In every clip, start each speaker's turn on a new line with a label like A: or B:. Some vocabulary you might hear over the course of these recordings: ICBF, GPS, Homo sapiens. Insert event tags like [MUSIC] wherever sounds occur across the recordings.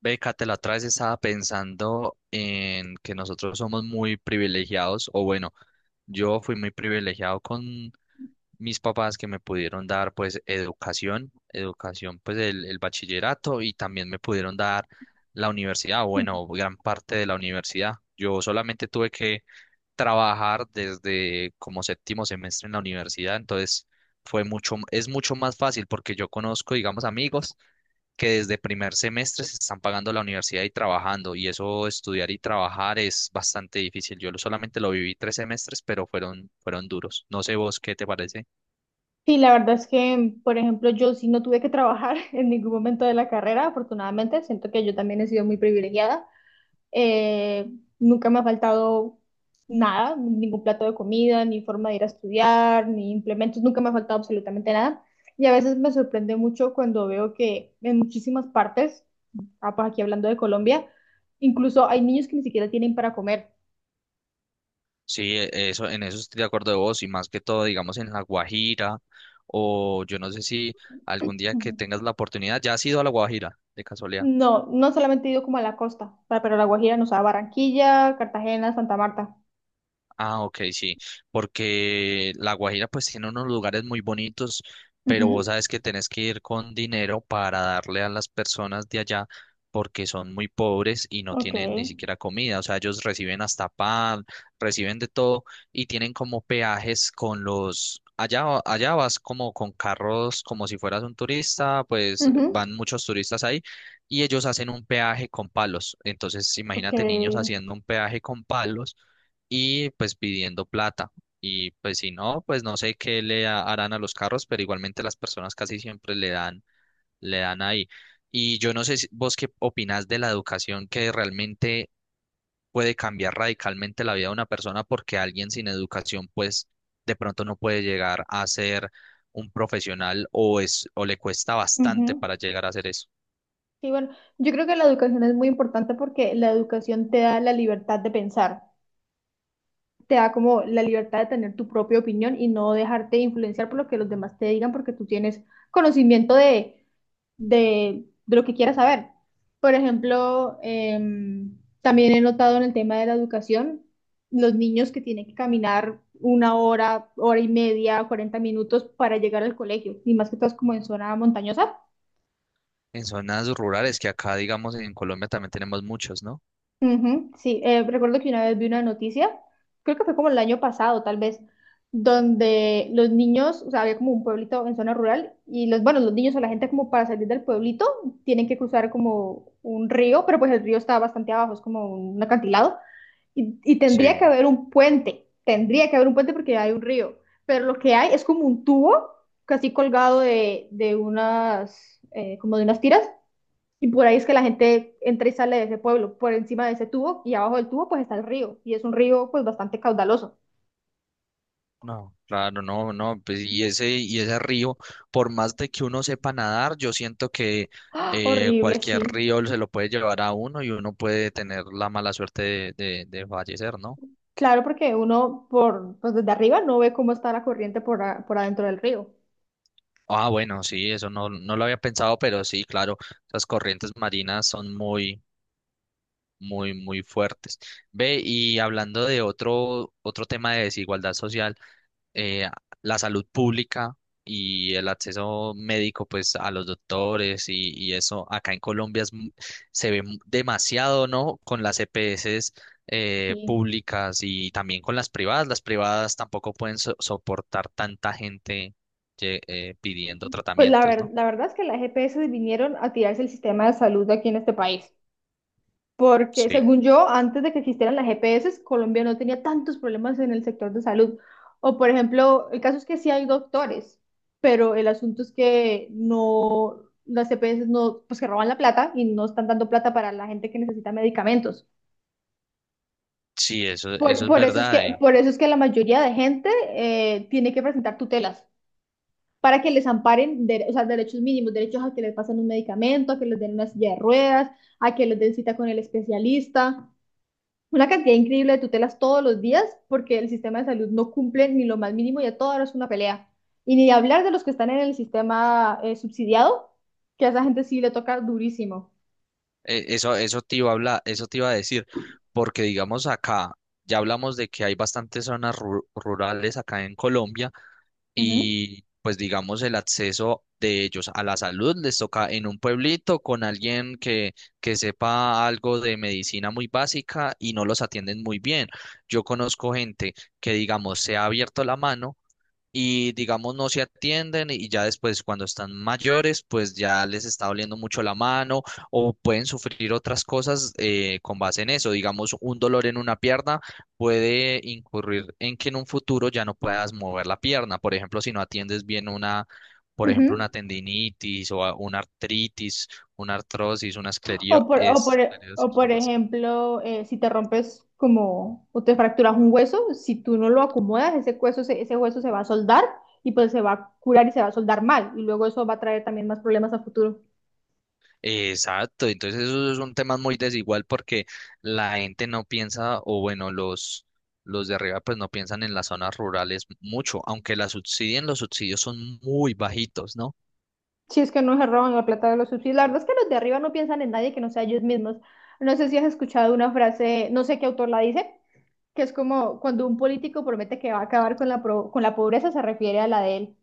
A: Bécate, la otra vez estaba pensando en que nosotros somos muy privilegiados, o bueno, yo fui muy privilegiado con mis papás que me pudieron dar pues educación, educación pues el bachillerato y también me pudieron dar la universidad, o bueno, gran parte de la universidad. Yo solamente tuve que trabajar desde como séptimo semestre en la universidad, entonces fue mucho, es mucho más fácil porque yo conozco, digamos, amigos que desde primer semestre se están pagando la universidad y trabajando, y eso estudiar y trabajar es bastante difícil. Solamente lo viví 3 semestres, pero fueron duros. No sé vos qué te parece.
B: Sí, la verdad es que, por ejemplo, yo sí no tuve que trabajar [LAUGHS] en ningún momento de la carrera, afortunadamente. Siento que yo también he sido muy privilegiada. Eh, Nunca me ha faltado nada, ningún plato de comida, ni forma de ir a estudiar, ni implementos, nunca me ha faltado absolutamente nada. Y a veces me sorprende mucho cuando veo que en muchísimas partes, ah, pues aquí hablando de Colombia, incluso hay niños que ni siquiera tienen para comer.
A: Sí, eso, en eso estoy de acuerdo de vos, y más que todo, digamos, en La Guajira, o yo no sé si algún día que tengas la oportunidad, ¿ya has ido a La Guajira, de casualidad?
B: No, no solamente he ido como a la costa, o sea, pero la Guajira, nos da Barranquilla, Cartagena, Santa Marta.
A: Ah, ok, sí, porque La Guajira pues tiene unos lugares muy bonitos, pero vos
B: Ujú,
A: sabes que tenés que ir con dinero para darle a las personas de allá porque son muy pobres y no
B: ok,
A: tienen ni siquiera comida, o sea, ellos reciben hasta pan, reciben de todo y tienen como peajes con los... Allá, allá vas como con carros, como si fueras un turista, pues
B: ujú,
A: van muchos turistas ahí y ellos hacen un peaje con palos. Entonces,
B: ok,
A: imagínate niños haciendo un peaje con palos y pues pidiendo plata. Y pues si no, pues no sé qué harán a los carros, pero igualmente las personas casi siempre le dan ahí. Y yo no sé vos qué opinás de la educación que realmente puede cambiar radicalmente la vida de una persona porque alguien sin educación pues de pronto no puede llegar a ser un profesional o es o le cuesta bastante
B: ujú.
A: para llegar a hacer eso.
B: Sí, bueno, yo creo que la educación es muy importante porque la educación te da la libertad de pensar. Te da como la libertad de tener tu propia opinión y no dejarte influenciar por lo que los demás te digan porque tú tienes conocimiento de lo que quieras saber. Por ejemplo, también he notado en el tema de la educación, los niños que tienen que caminar una hora, hora y media, 40 minutos para llegar al colegio, y más que todo es como en zona montañosa.
A: En zonas rurales que acá digamos en Colombia también tenemos muchos, ¿no?
B: Ujú, sí, recuerdo que una vez vi una noticia, creo que fue como el año pasado, tal vez, donde los niños, o sea, había como un pueblito en zona rural y los, bueno, los niños o la gente como para salir del pueblito tienen que cruzar como un río, pero pues el río está bastante abajo, es como un acantilado y tendría que
A: Sí.
B: haber un puente, tendría que haber un puente porque hay un río, pero lo que hay es como un tubo casi colgado de unas, como de unas tiras y por ahí es que la gente entra y sale de ese pueblo, por encima de ese tubo y abajo del tubo pues está el río y es un río pues bastante caudaloso.
A: No, claro, no, no, pues y ese río, por más de que uno sepa nadar, yo siento que
B: Horrible,
A: cualquier
B: sí.
A: río se lo puede llevar a uno y uno puede tener la mala suerte de fallecer, ¿no?
B: Claro, porque uno por pues desde arriba no ve cómo está la corriente por adentro del río.
A: Ah, bueno, sí, eso no, no lo había pensado, pero sí, claro, las corrientes marinas son muy, muy, muy fuertes. Ve, y hablando de otro, otro tema de desigualdad social. eh, la salud pública y el acceso médico pues a los doctores y eso acá en Colombia se ve demasiado, ¿no? Con las EPS
B: Sí.
A: públicas y también con las privadas. Las privadas tampoco pueden soportar tanta gente pidiendo
B: Pues la,
A: tratamientos,
B: ver-
A: ¿no?
B: la verdad es que las GPS vinieron a tirarse el sistema de salud de aquí en este país. Porque
A: Sí,
B: según yo, antes de que existieran las GPS, Colombia no tenía tantos problemas en el sector de salud. O por ejemplo, el caso es que sí hay doctores, pero el asunto es que no, las GPS no, pues que roban la plata y no están dando plata para la gente que necesita medicamentos.
A: sí, eso, eso es
B: Por eso es que,
A: verdad.
B: por eso es que la mayoría de gente tiene que presentar tutelas para que les amparen, o sea, derechos mínimos, derechos a que les pasen un medicamento, a que les den una silla de ruedas, a que les den cita con el especialista. Una cantidad increíble de tutelas todos los días porque el sistema de salud no cumple ni lo más mínimo y a toda hora es una pelea. Y ni de hablar de los que están en el sistema subsidiado, que a esa gente sí le toca durísimo.
A: Eso, eso te iba a hablar, eso te iba a decir, porque digamos acá, ya hablamos de que hay bastantes zonas rurales acá en Colombia
B: Ujú,
A: y pues digamos el acceso de ellos a la salud les toca en un pueblito con alguien que sepa algo de medicina muy básica y no los atienden muy bien. Yo conozco gente que digamos se ha abierto la mano y digamos no se atienden y ya después cuando están mayores pues ya les está doliendo mucho la mano o pueden sufrir otras cosas con base en eso. Digamos un dolor en una pierna puede incurrir en que en un futuro ya no puedas mover la pierna. Por ejemplo, si no atiendes bien una, por ejemplo,
B: ujú.
A: una tendinitis o una artritis, una artrosis, una
B: O por, o por, o
A: esclerosis o
B: por
A: algo así.
B: ejemplo, si te rompes como o te fracturas un hueso, si tú no lo acomodas, ese hueso se va a soldar y pues se va a curar y se va a soldar mal. Y luego eso va a traer también más problemas a futuro.
A: Exacto, entonces esos son temas muy desigual porque la gente no piensa, o bueno, los de arriba pues no piensan en las zonas rurales mucho, aunque las subsidien, los subsidios son muy bajitos, ¿no?
B: Si es que no se roban la plata de los subsidios. La verdad es que los de arriba no piensan en nadie que no sea ellos mismos. No sé si has escuchado una frase, no sé qué autor la dice, que es como cuando un político promete que va a acabar con con la pobreza, se refiere a la de él.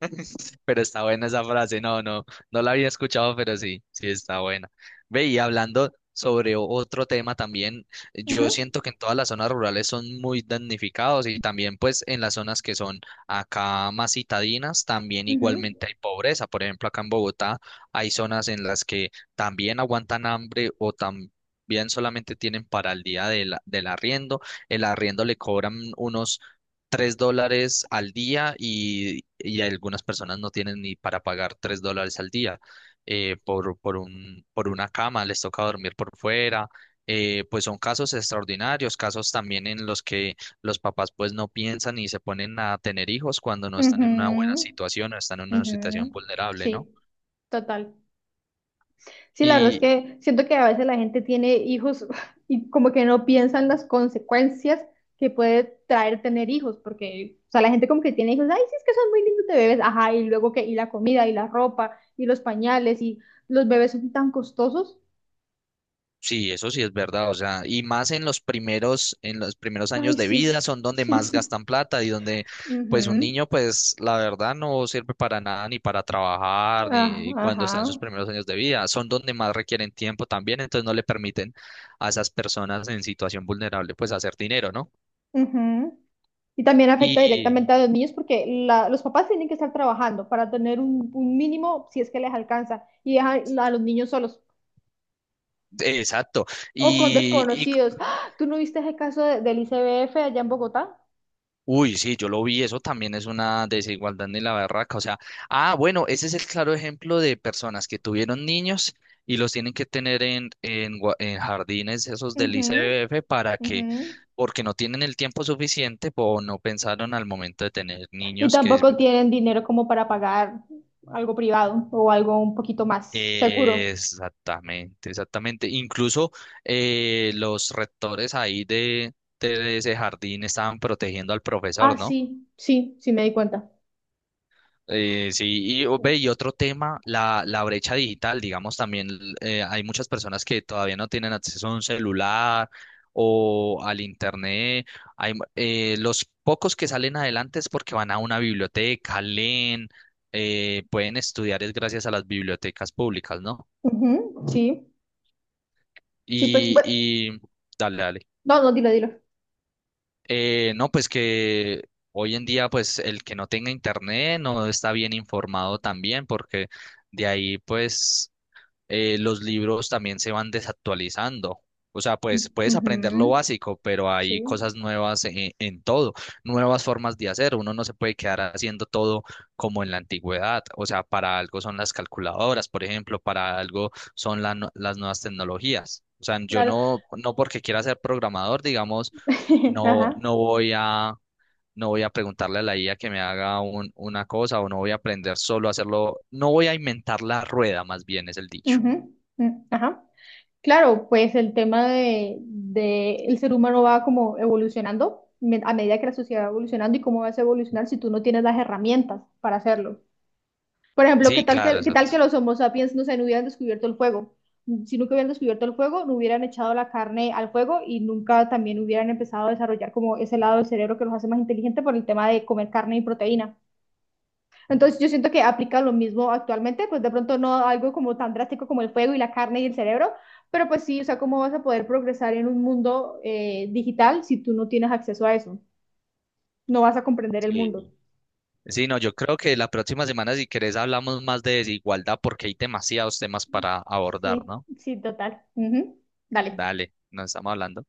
A: [LAUGHS] Pero está buena esa frase, no, no, no la había escuchado, pero sí, sí está buena. Ve, y hablando sobre otro tema también, yo
B: Ujú,
A: siento que en todas las zonas rurales son muy damnificados y también pues en las zonas que son acá más citadinas, también
B: ujú,
A: igualmente hay pobreza. Por ejemplo, acá en Bogotá hay zonas en las que también aguantan hambre o también solamente tienen para el día de del arriendo, el arriendo le cobran unos 3 dólares al día y algunas personas no tienen ni para pagar 3 dólares al día por una cama, les toca dormir por fuera. Pues son casos extraordinarios, casos también en los que los papás pues no piensan y se ponen a tener hijos cuando no están en una buena
B: ujú,
A: situación o están en una
B: ujú.
A: situación vulnerable, ¿no?
B: Sí, total. Sí, la verdad es que siento que a veces la gente tiene hijos [LAUGHS] y como que no piensan las consecuencias que puede traer tener hijos, porque, o sea, la gente como que tiene hijos, ay, sí, es que son muy lindos de bebés, ajá, y luego que, y la comida, y la ropa, y los pañales, y los bebés son tan costosos.
A: Sí, eso sí es verdad, o sea, y más en los primeros
B: Ay,
A: años de
B: sí,
A: vida son donde
B: sí.
A: más
B: [LAUGHS]
A: gastan plata y donde, pues, un
B: Ujú.
A: niño, pues, la verdad no sirve para nada, ni para trabajar,
B: Ah,
A: ni cuando está en sus
B: ajá,
A: primeros años de vida, son donde más requieren tiempo también, entonces no le permiten a esas personas en situación vulnerable, pues, hacer dinero, ¿no?
B: ujú. Y también afecta
A: Y,
B: directamente a los niños porque los papás tienen que estar trabajando para tener un mínimo, si es que les alcanza, y dejan a los niños solos.
A: exacto,
B: O con
A: y,
B: desconocidos. ¡Ah! ¿Tú no viste ese caso del ICBF allá en Bogotá?
A: Uy, sí, yo lo vi, eso también es una desigualdad ni la barraca, o sea, ah, bueno, ese es el claro ejemplo de personas que tuvieron niños y los tienen que tener en, en jardines esos del
B: Ujú,
A: ICBF para que,
B: ujú.
A: porque no tienen el tiempo suficiente o no pensaron al momento de tener
B: Y
A: niños que es-
B: tampoco tienen dinero como para pagar algo privado o algo un poquito más seguro.
A: Exactamente, exactamente. Incluso los rectores ahí de ese jardín estaban protegiendo al
B: Ah,
A: profesor, ¿no?
B: sí, sí, sí me di cuenta.
A: Sí, y, ve, y otro tema, la brecha digital, digamos, también hay muchas personas que todavía no tienen acceso a un celular o al internet. Hay, los pocos que salen adelante es porque van a una biblioteca, leen, pueden estudiar es gracias a las bibliotecas públicas, ¿no?
B: Ujú, sí, sí, pues,
A: Y,
B: bueno,
A: y dale, dale.
B: no, no, dilo, dilo.
A: No, pues que hoy en día, pues el que no tenga internet no está bien informado también porque... De ahí, pues, los libros también se van desactualizando. O sea, pues puedes aprender lo
B: Ujú,
A: básico, pero hay
B: sí,
A: cosas nuevas en todo, nuevas formas de hacer. Uno no se puede quedar haciendo todo como en la antigüedad. O sea, para algo son las calculadoras, por ejemplo, para algo son las nuevas tecnologías. O sea, yo
B: claro.
A: no, no porque quiera ser programador, digamos,
B: [LAUGHS]
A: no,
B: Ajá.
A: no voy a, no voy a preguntarle a la IA que me haga una cosa o no voy a aprender solo a hacerlo, no voy a inventar la rueda, más bien es el dicho.
B: Ujú, mm, ajá. Claro, pues el tema de el ser humano va como evolucionando a medida que la sociedad va evolucionando y cómo vas a evolucionar si tú no tienes las herramientas para hacerlo. Por ejemplo, ¿qué
A: Sí,
B: tal
A: claro,
B: que, qué tal
A: exacto.
B: que los Homo sapiens no se no hubieran descubierto el fuego? Si nunca hubieran descubierto el fuego, no hubieran echado la carne al fuego y nunca también hubieran empezado a desarrollar como ese lado del cerebro que los hace más inteligentes por el tema de comer carne y proteína. Entonces yo siento que aplica lo mismo actualmente, pues de pronto no algo como tan drástico como el fuego y la carne y el cerebro, pero pues sí, o sea, ¿cómo vas a poder progresar en un mundo digital si tú no tienes acceso a eso? No vas a comprender el mundo.
A: Sí. Sí, no, yo creo que la próxima semana, si querés, hablamos más de desigualdad porque hay demasiados temas para abordar,
B: Sí,
A: ¿no?
B: sí, total. Ujú. Dale.
A: Dale, nos estamos hablando.